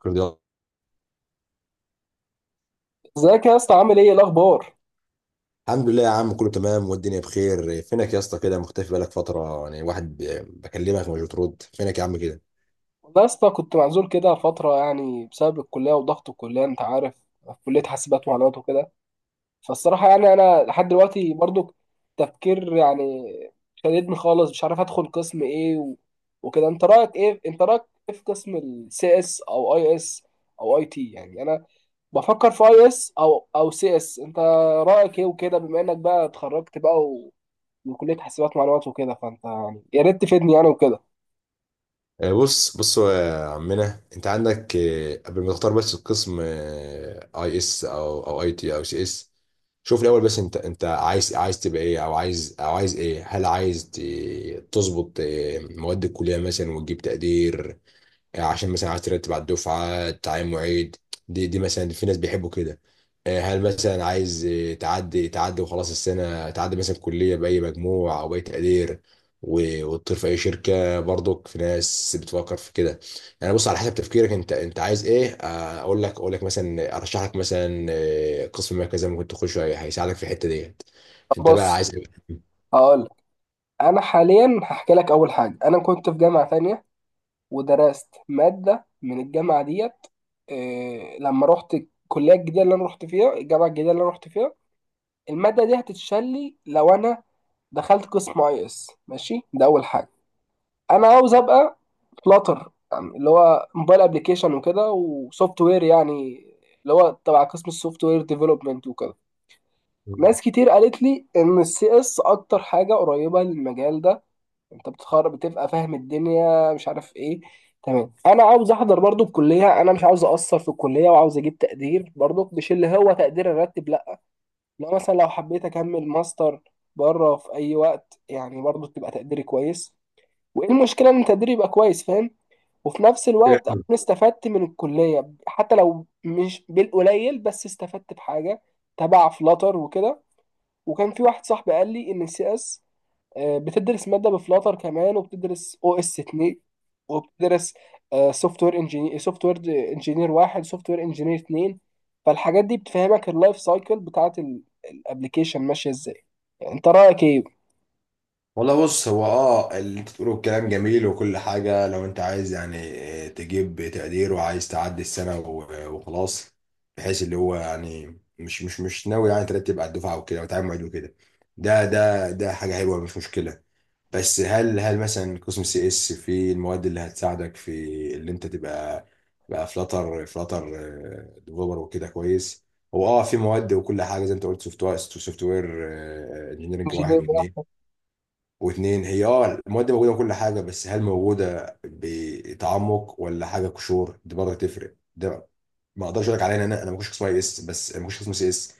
كل ده. ازيك يا اسطى، عامل ايه؟ إيه الاخبار؟ الحمد لله يا عم، كله تمام والدنيا بخير. فينك يا اسطى كده؟ مختفي بقالك فترة يعني، واحد بكلمك مش بترد. فينك يا عم كده؟ والله يا اسطى كنت معزول كده فتره، يعني بسبب الكليه وضغط الكليه، انت عارف. في كليه حاسبات ومعلومات وكده. فالصراحه يعني انا لحد دلوقتي برضو تفكير، يعني شددني خالص، مش عارف ادخل قسم ايه وكده. انت رايك ايه في قسم السي اس او اي اس او اي تي؟ يعني انا بفكر في اي اس او سي اس، انت رايك ايه وكده، بما انك بقى اتخرجت بقى من كليه حاسبات ومعلومات وكده، فانت يعني يا ريت تفيدني يعني وكده. بص بص يا عمنا، انت عندك قبل ما تختار بس القسم اي اس او اي تي او سي اس، شوف الاول بس انت عايز تبقى ايه، او عايز ايه. هل عايز تظبط مواد الكلية مثلا وتجيب تقدير عشان مثلا عايز ترتب على الدفعه تعين معيد؟ دي مثلا في ناس بيحبوا كده. هل مثلا عايز تعدي وخلاص السنه، تعدي مثلا كليه باي مجموع او باي تقدير، وتطير في اي شركه؟ برضك في ناس بتفكر في كده. يعني بص، على حسب تفكيرك انت عايز ايه. اقول لك مثلا ارشح لك مثلا قسم ما كذا ممكن تخشه، هيساعدك في الحته ديت. طب انت بقى بص، عايز ايه؟ هقول لك. انا حاليا هحكي لك. اول حاجه، انا كنت في جامعه تانية ودرست ماده من الجامعه ديت. إيه، لما رحت الكليه الجديده اللي انا رحت فيها، الجامعه الجديده اللي انا رحت فيها، الماده دي هتتشال لي لو انا دخلت قسم اي اس. ماشي، ده اول حاجه. انا عاوز ابقى فلاتر، يعني اللي هو موبايل ابلكيشن وكده، وسوفت وير يعني اللي هو تبع قسم السوفت وير ديفلوبمنت وكده. ناس كتير قالت لي ان السي اس اكتر حاجه قريبه للمجال ده. انت بتتخرج، بتبقى فاهم الدنيا مش عارف ايه، تمام. انا عاوز احضر برضو الكليه، انا مش عاوز اقصر في الكليه، وعاوز اجيب تقدير برضو، مش اللي هو تقدير الراتب، لا. لا مثلا، لو حبيت اكمل ماستر بره في اي وقت، يعني برضو تبقى تقديري كويس. وايه المشكله ان تقديري يبقى كويس، فاهم. وفي نفس الوقت اكون استفدت من الكليه، حتى لو مش بالقليل بس استفدت بحاجه تبع فلاتر وكده. وكان في واحد صاحبي قال لي ان السي اس بتدرس ماده بفلاتر كمان، وبتدرس او اس 2، وبتدرس سوفت وير انجينير، سوفت وير انجينير واحد، سوفت وير انجينير اتنين. فالحاجات دي بتفهمك اللايف سايكل بتاعت الابلكيشن ماشيه ازاي. يعني انت رايك ايه؟ والله بص، هو اللي انت بتقوله الكلام جميل وكل حاجة. لو انت عايز يعني تجيب تقدير وعايز تعدي السنة وخلاص، بحيث اللي هو يعني مش ناوي يعني ترتب على الدفعة وكده وتعامل معيد وكده، ده حاجة حلوة مش مشكلة. بس هل مثلا قسم سي اس في المواد اللي هتساعدك في اللي انت تبقى بقى فلاتر ديفلوبر وكده كويس؟ هو في مواد وكل حاجه زي انت قلت، سوفت وير انجينيرنج انجينير واحد ده. واتنين، هي المواد دي موجودة وكل حاجة، بس هل موجودة بتعمق ولا حاجة قشور؟ دي برضه تفرق. ده ما اقدرش اقول لك عليها، لأن انا ما كنتش قسم اي اس، بس ما كنتش قسم سي اس.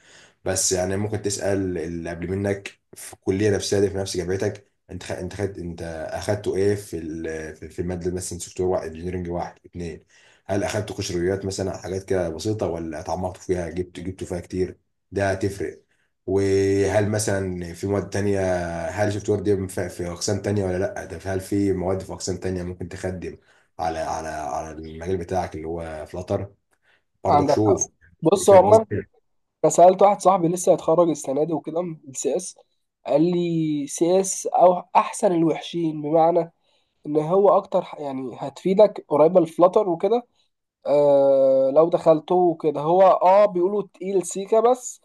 بس يعني ممكن تسأل اللي قبل منك في الكلية نفسها دي، في نفس جامعتك. انت خ... انت خدت انت اخدته ايه في في المادة، مثلا سوفت وير واحد انجينيرنج واحد اتنين؟ هل اخدت قشريات، مثلا حاجات كده بسيطة، ولا اتعمقت فيها، جبتوا فيها كتير؟ ده هتفرق. وهل مثلا في مواد تانية، هل شفت وردي في اقسام تانية ولا لا؟ هل في مواد في اقسام تانية ممكن تخدم على المجال بتاعك اللي هو فلاتر؟ برضك عندك حق. شوف، بص، هو فاهم عموما، قصدي. انا سالت واحد صاحبي لسه هيتخرج السنه دي وكده من السي اس، قال لي سي اس او احسن الوحشين، بمعنى ان هو اكتر يعني هتفيدك قريبه للفلاتر وكده. لو دخلته كده، هو بيقولوا تقيل سيكا، بس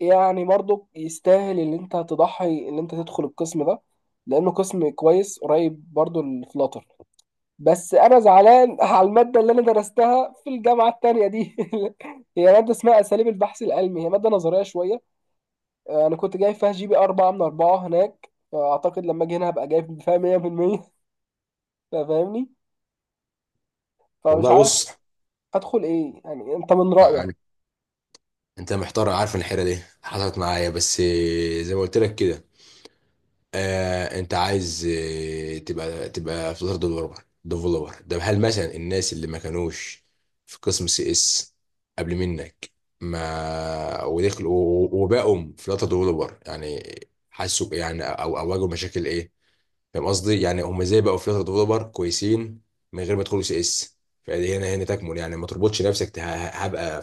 يعني برضو يستاهل اللي انت تضحي، اللي انت تدخل القسم ده، لانه قسم كويس قريب برضو الفلاتر. بس انا زعلان على الماده اللي انا درستها في الجامعه التانية دي. هي ماده اسمها اساليب البحث العلمي، هي ماده نظريه شويه. انا كنت جايب فيها جي بي 4 من 4 هناك، فاعتقد لما اجي هنا هبقى جايب فيها 100%. فاهمني. فمش والله عارف بص، ادخل ايه يعني، انت من رايك؟ يعني انت محتار، عارف إن الحيره دي حصلت معايا، بس زي ما قلت لك كده، انت عايز تبقى فلاتر ديفلوبر. ده هل مثلا الناس اللي ما كانوش في قسم سي اس قبل منك، ما ودخلوا وبقوا فلاتر ديفلوبر، يعني حسوا بإيه يعني، او او واجهوا مشاكل ايه؟ فاهم قصدي؟ يعني هم ازاي بقوا فلاتر ديفلوبر كويسين من غير ما يدخلوا سي اس؟ فدي هنا، تكمن يعني. ما تربطش نفسك. هبقى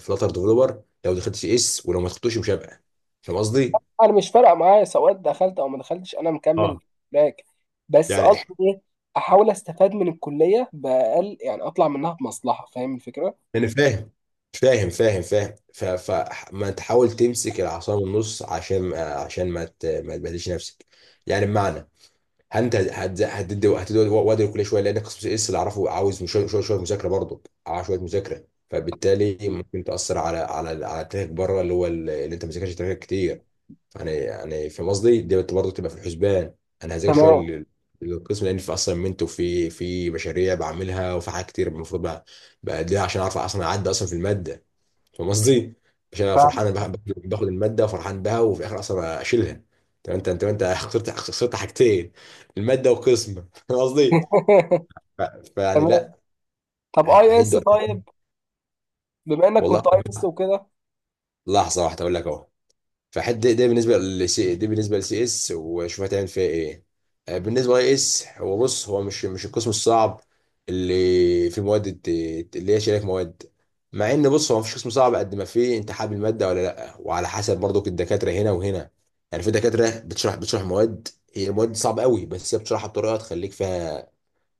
فلاتر ديفلوبر لو دخلت سي اس، ولو ما دخلتوش مش هبقى، فاهم قصدي؟ انا مش فارقه معايا سواء دخلت او ما دخلتش، انا مكمل اه باك. بس يعني قصدي ايه، احاول استفاد من الكليه باقل، يعني اطلع منها بمصلحه، فاهم الفكره؟ انا فاهم. فما تحاول تمسك العصا من النص، عشان ما تبهدلش نفسك. يعني بمعنى، انت هتدي وقت كل شويه، لان قسم اس اللي اعرفه عاوز، شويه شويه مذاكره برضه، عاوز شويه مذاكره. فبالتالي ممكن تاثر على تاريخك بره، اللي هو اللي انت ما ذاكرتش تاريخك كتير يعني. يعني فاهم قصدي؟ دي برضه تبقى في الحسبان. انا هذاكر شويه، تمام. للقسم، لان في اصلا منتو في مشاريع بعملها، وفي حاجات كتير المفروض بقى بأديها عشان اعرف اصلا اعدي اصلا في الماده. فاهم قصدي؟ عشان انا فرحان فاهم. أنا باخد الماده وفرحان بها، وفي الاخر اصلا اشيلها. طب انت خسرت حاجتين، الماده والقسم. فاهم قصدي؟ ف- فيعني تمام. لا. طب ه- اي اس هتدوا. طيب؟ بما انك والله كنت اي اس وكده. لحظه واحده اقول لك اهو. فحد ده، بالنسبه لسي اس، وشوف هتعمل فيها ايه. بالنسبه لاي اس، هو بص، هو مش القسم الصعب اللي في مواد، اللي هي شريك مواد. مع ان بص، هو مفيش قسم صعب، قد ما فيه انت حابب الماده ولا لا، وعلى حسب برضك الدكاتره هنا وهنا. يعني في دكاتره بتشرح مواد هي المواد صعبه قوي، بس هي بتشرحها بطريقه تخليك فيها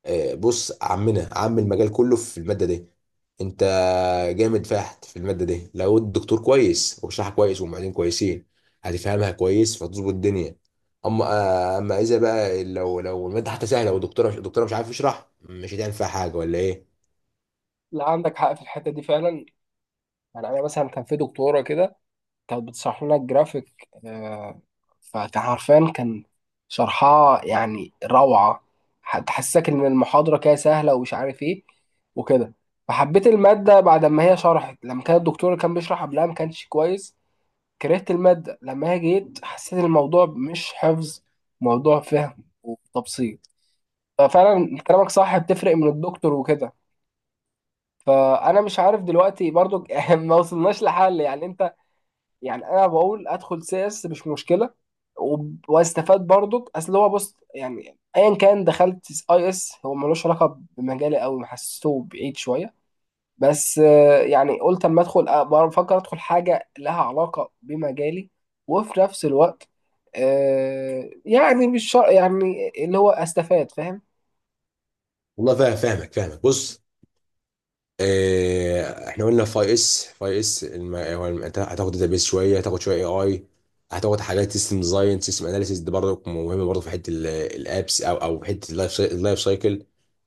بص، عمنا، عم المجال كله في المادة دي. انت جامد فاحت في المادة دي لو الدكتور كويس وبيشرحها كويس والمعيدين كويسين، هتفهمها كويس فتظبط الدنيا. اما اذا بقى، لو المادة حتى سهلة والدكتورة مش الدكتورة مش عارف يشرح، مش هتعمل فيها حاجة ولا ايه. لا، عندك حق في الحته دي فعلا. يعني انا مثلا كان في دكتوره كده، كانت بتشرح لنا الجرافيك، فكان حرفيا شرحها يعني روعة، تحسسك إن المحاضرة كده سهلة ومش عارف إيه وكده. فحبيت المادة بعد ما هي شرحت. لما كان الدكتور اللي كان بيشرح قبلها ما كانش كويس، كرهت المادة. لما هي جيت حسيت الموضوع مش حفظ، موضوع فهم وتبسيط. ففعلا كلامك صح، بتفرق من الدكتور وكده. فأنا مش عارف دلوقتي برضو. ما وصلناش لحل يعني أنت. يعني انا بقول ادخل سيس، مش مشكله. واستفاد برضك، اصل هو بص، يعني ايا كان دخلت اي اس هو ملوش علاقه بمجالي قوي، محسسه بعيد شويه. بس يعني قلت اما ادخل، بفكر ادخل حاجه لها علاقه بمجالي، وفي نفس الوقت يعني مش شرط يعني اللي هو استفاد، فاهم. والله فاهم، فاهمك، بص. احنا قلنا، فاي اس، انت هتاخد داتابيس شويه، هتاخد شويه اي، هتاخد حاجات سيستم ديزاين، سيستم اناليسيس. دي برضه مهمه برضه في حته الابس، او في حته اللايف سايكل.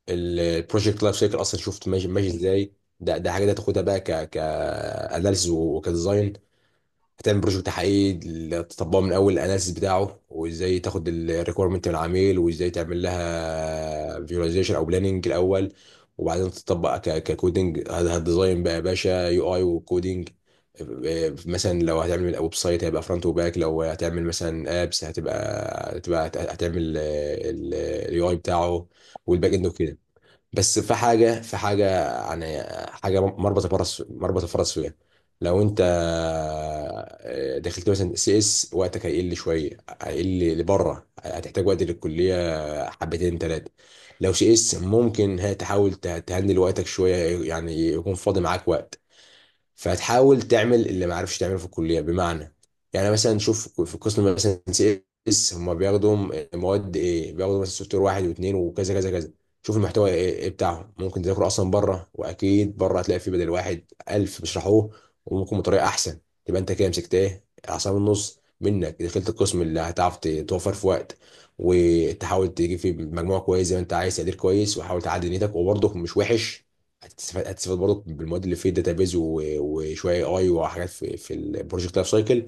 البروجكت لايف سايكل اصلا، شفت ماشي ماشي ازاي؟ ده حاجه ده تاخدها بقى ك اناليسيس وكديزاين. هتعمل بروجكت حقيقي تطبقه من اول الاناليسيس بتاعه، وازاي تاخد الريكويرمنت من العميل، وازاي تعمل لها فيجواليزيشن او بلاننج الاول، وبعدين تطبق ككودنج. هتديزاين بقى يا باشا يو اي، وكودنج. مثلا لو هتعمل ويب سايت هيبقى فرونت وباك. لو هتعمل مثلا ابس، هتبقى هتعمل اليو اي بتاعه والباك اند وكده. بس في حاجة، يعني حاجة، مربط الفرس، مربط الفرس فيها. لو انت دخلت مثلا سي اس، وقتك هيقل شوية، هيقل لبره. هتحتاج وقت للكلية، حبتين تلاتة. لو سي اس ممكن هي تحاول تهندل وقتك شوية، يعني يكون فاضي معاك وقت، فتحاول تعمل اللي ما عرفش تعمله في الكليه. بمعنى، يعني مثلا شوف، في قسم مثلا سي اس، هم بياخدوا مواد ايه؟ بياخدوا مثلا سوفت وير واحد واثنين وكذا كذا كذا. شوف المحتوى ايه بتاعهم، ممكن تذاكره اصلا بره، واكيد بره هتلاقي فيه بدل واحد ألف بيشرحوه، وممكن بطريقه احسن. تبقى انت كده مسكت ايه، اعصاب النص. منك دخلت القسم اللي هتعرف توفر في وقت، وتحاول تجيب فيه مجموع كويس زي ما انت عايز تقدير كويس، وحاول تعدي نيتك. وبرضه مش وحش، هتستفاد برضك بالمواد اللي في الداتابيز، وشويه اي، وحاجات في البروجكت لايف سايكل.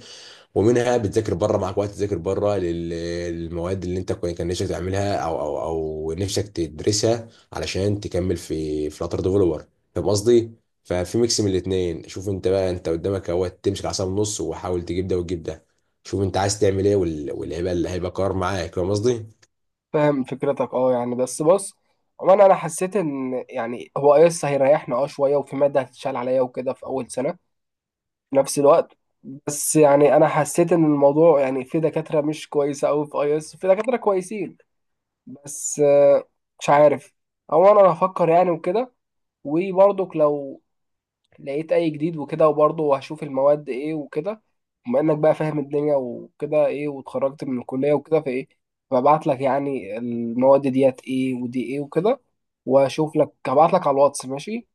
ومنها بتذاكر بره، معاك وقت تذاكر بره للمواد اللي انت كان نفسك تعملها، او نفسك تدرسها علشان تكمل في فلاتر ديفلوبر. فاهم قصدي؟ ففي ميكس من الاثنين، شوف انت بقى. انت قدامك اهو، تمسك العصا من النص وحاول تجيب ده وتجيب ده. شوف انت عايز تعمل ايه، واللي هيبقى، اللي هيبقى قرار معاك. فاهم قصدي؟ فاهم فكرتك، يعني، بس بص. وانا حسيت ان يعني هو اي اس هيريحنا شويه، وفي ماده هتتشال عليا وكده في اول سنه. في نفس الوقت، بس يعني انا حسيت ان الموضوع يعني في دكاتره مش كويسه قوي في اي اس، في دكاتره كويسين، بس مش عارف، او انا هفكر يعني وكده. وبرضك لو لقيت اي جديد وكده، وبرضه هشوف المواد ايه وكده. بما انك بقى فاهم الدنيا وكده، ايه، واتخرجت من الكليه وكده، فايه، ببعت لك يعني المواد ديت ايه ودي ايه وكده، واشوف لك. هبعت لك على الواتس، ماشي؟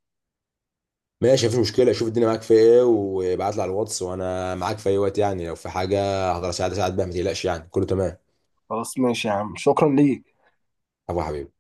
ماشي، مفيش مشكله. شوف الدنيا معاك في ايه وابعت لي على الواتس، وانا معاك في اي وقت يعني. لو في حاجه هقدر اساعد، اساعد بيها. ما تقلقش يعني، كله تمام. خلاص ماشي يا عم، شكرا ليك. عفو يا حبيبي.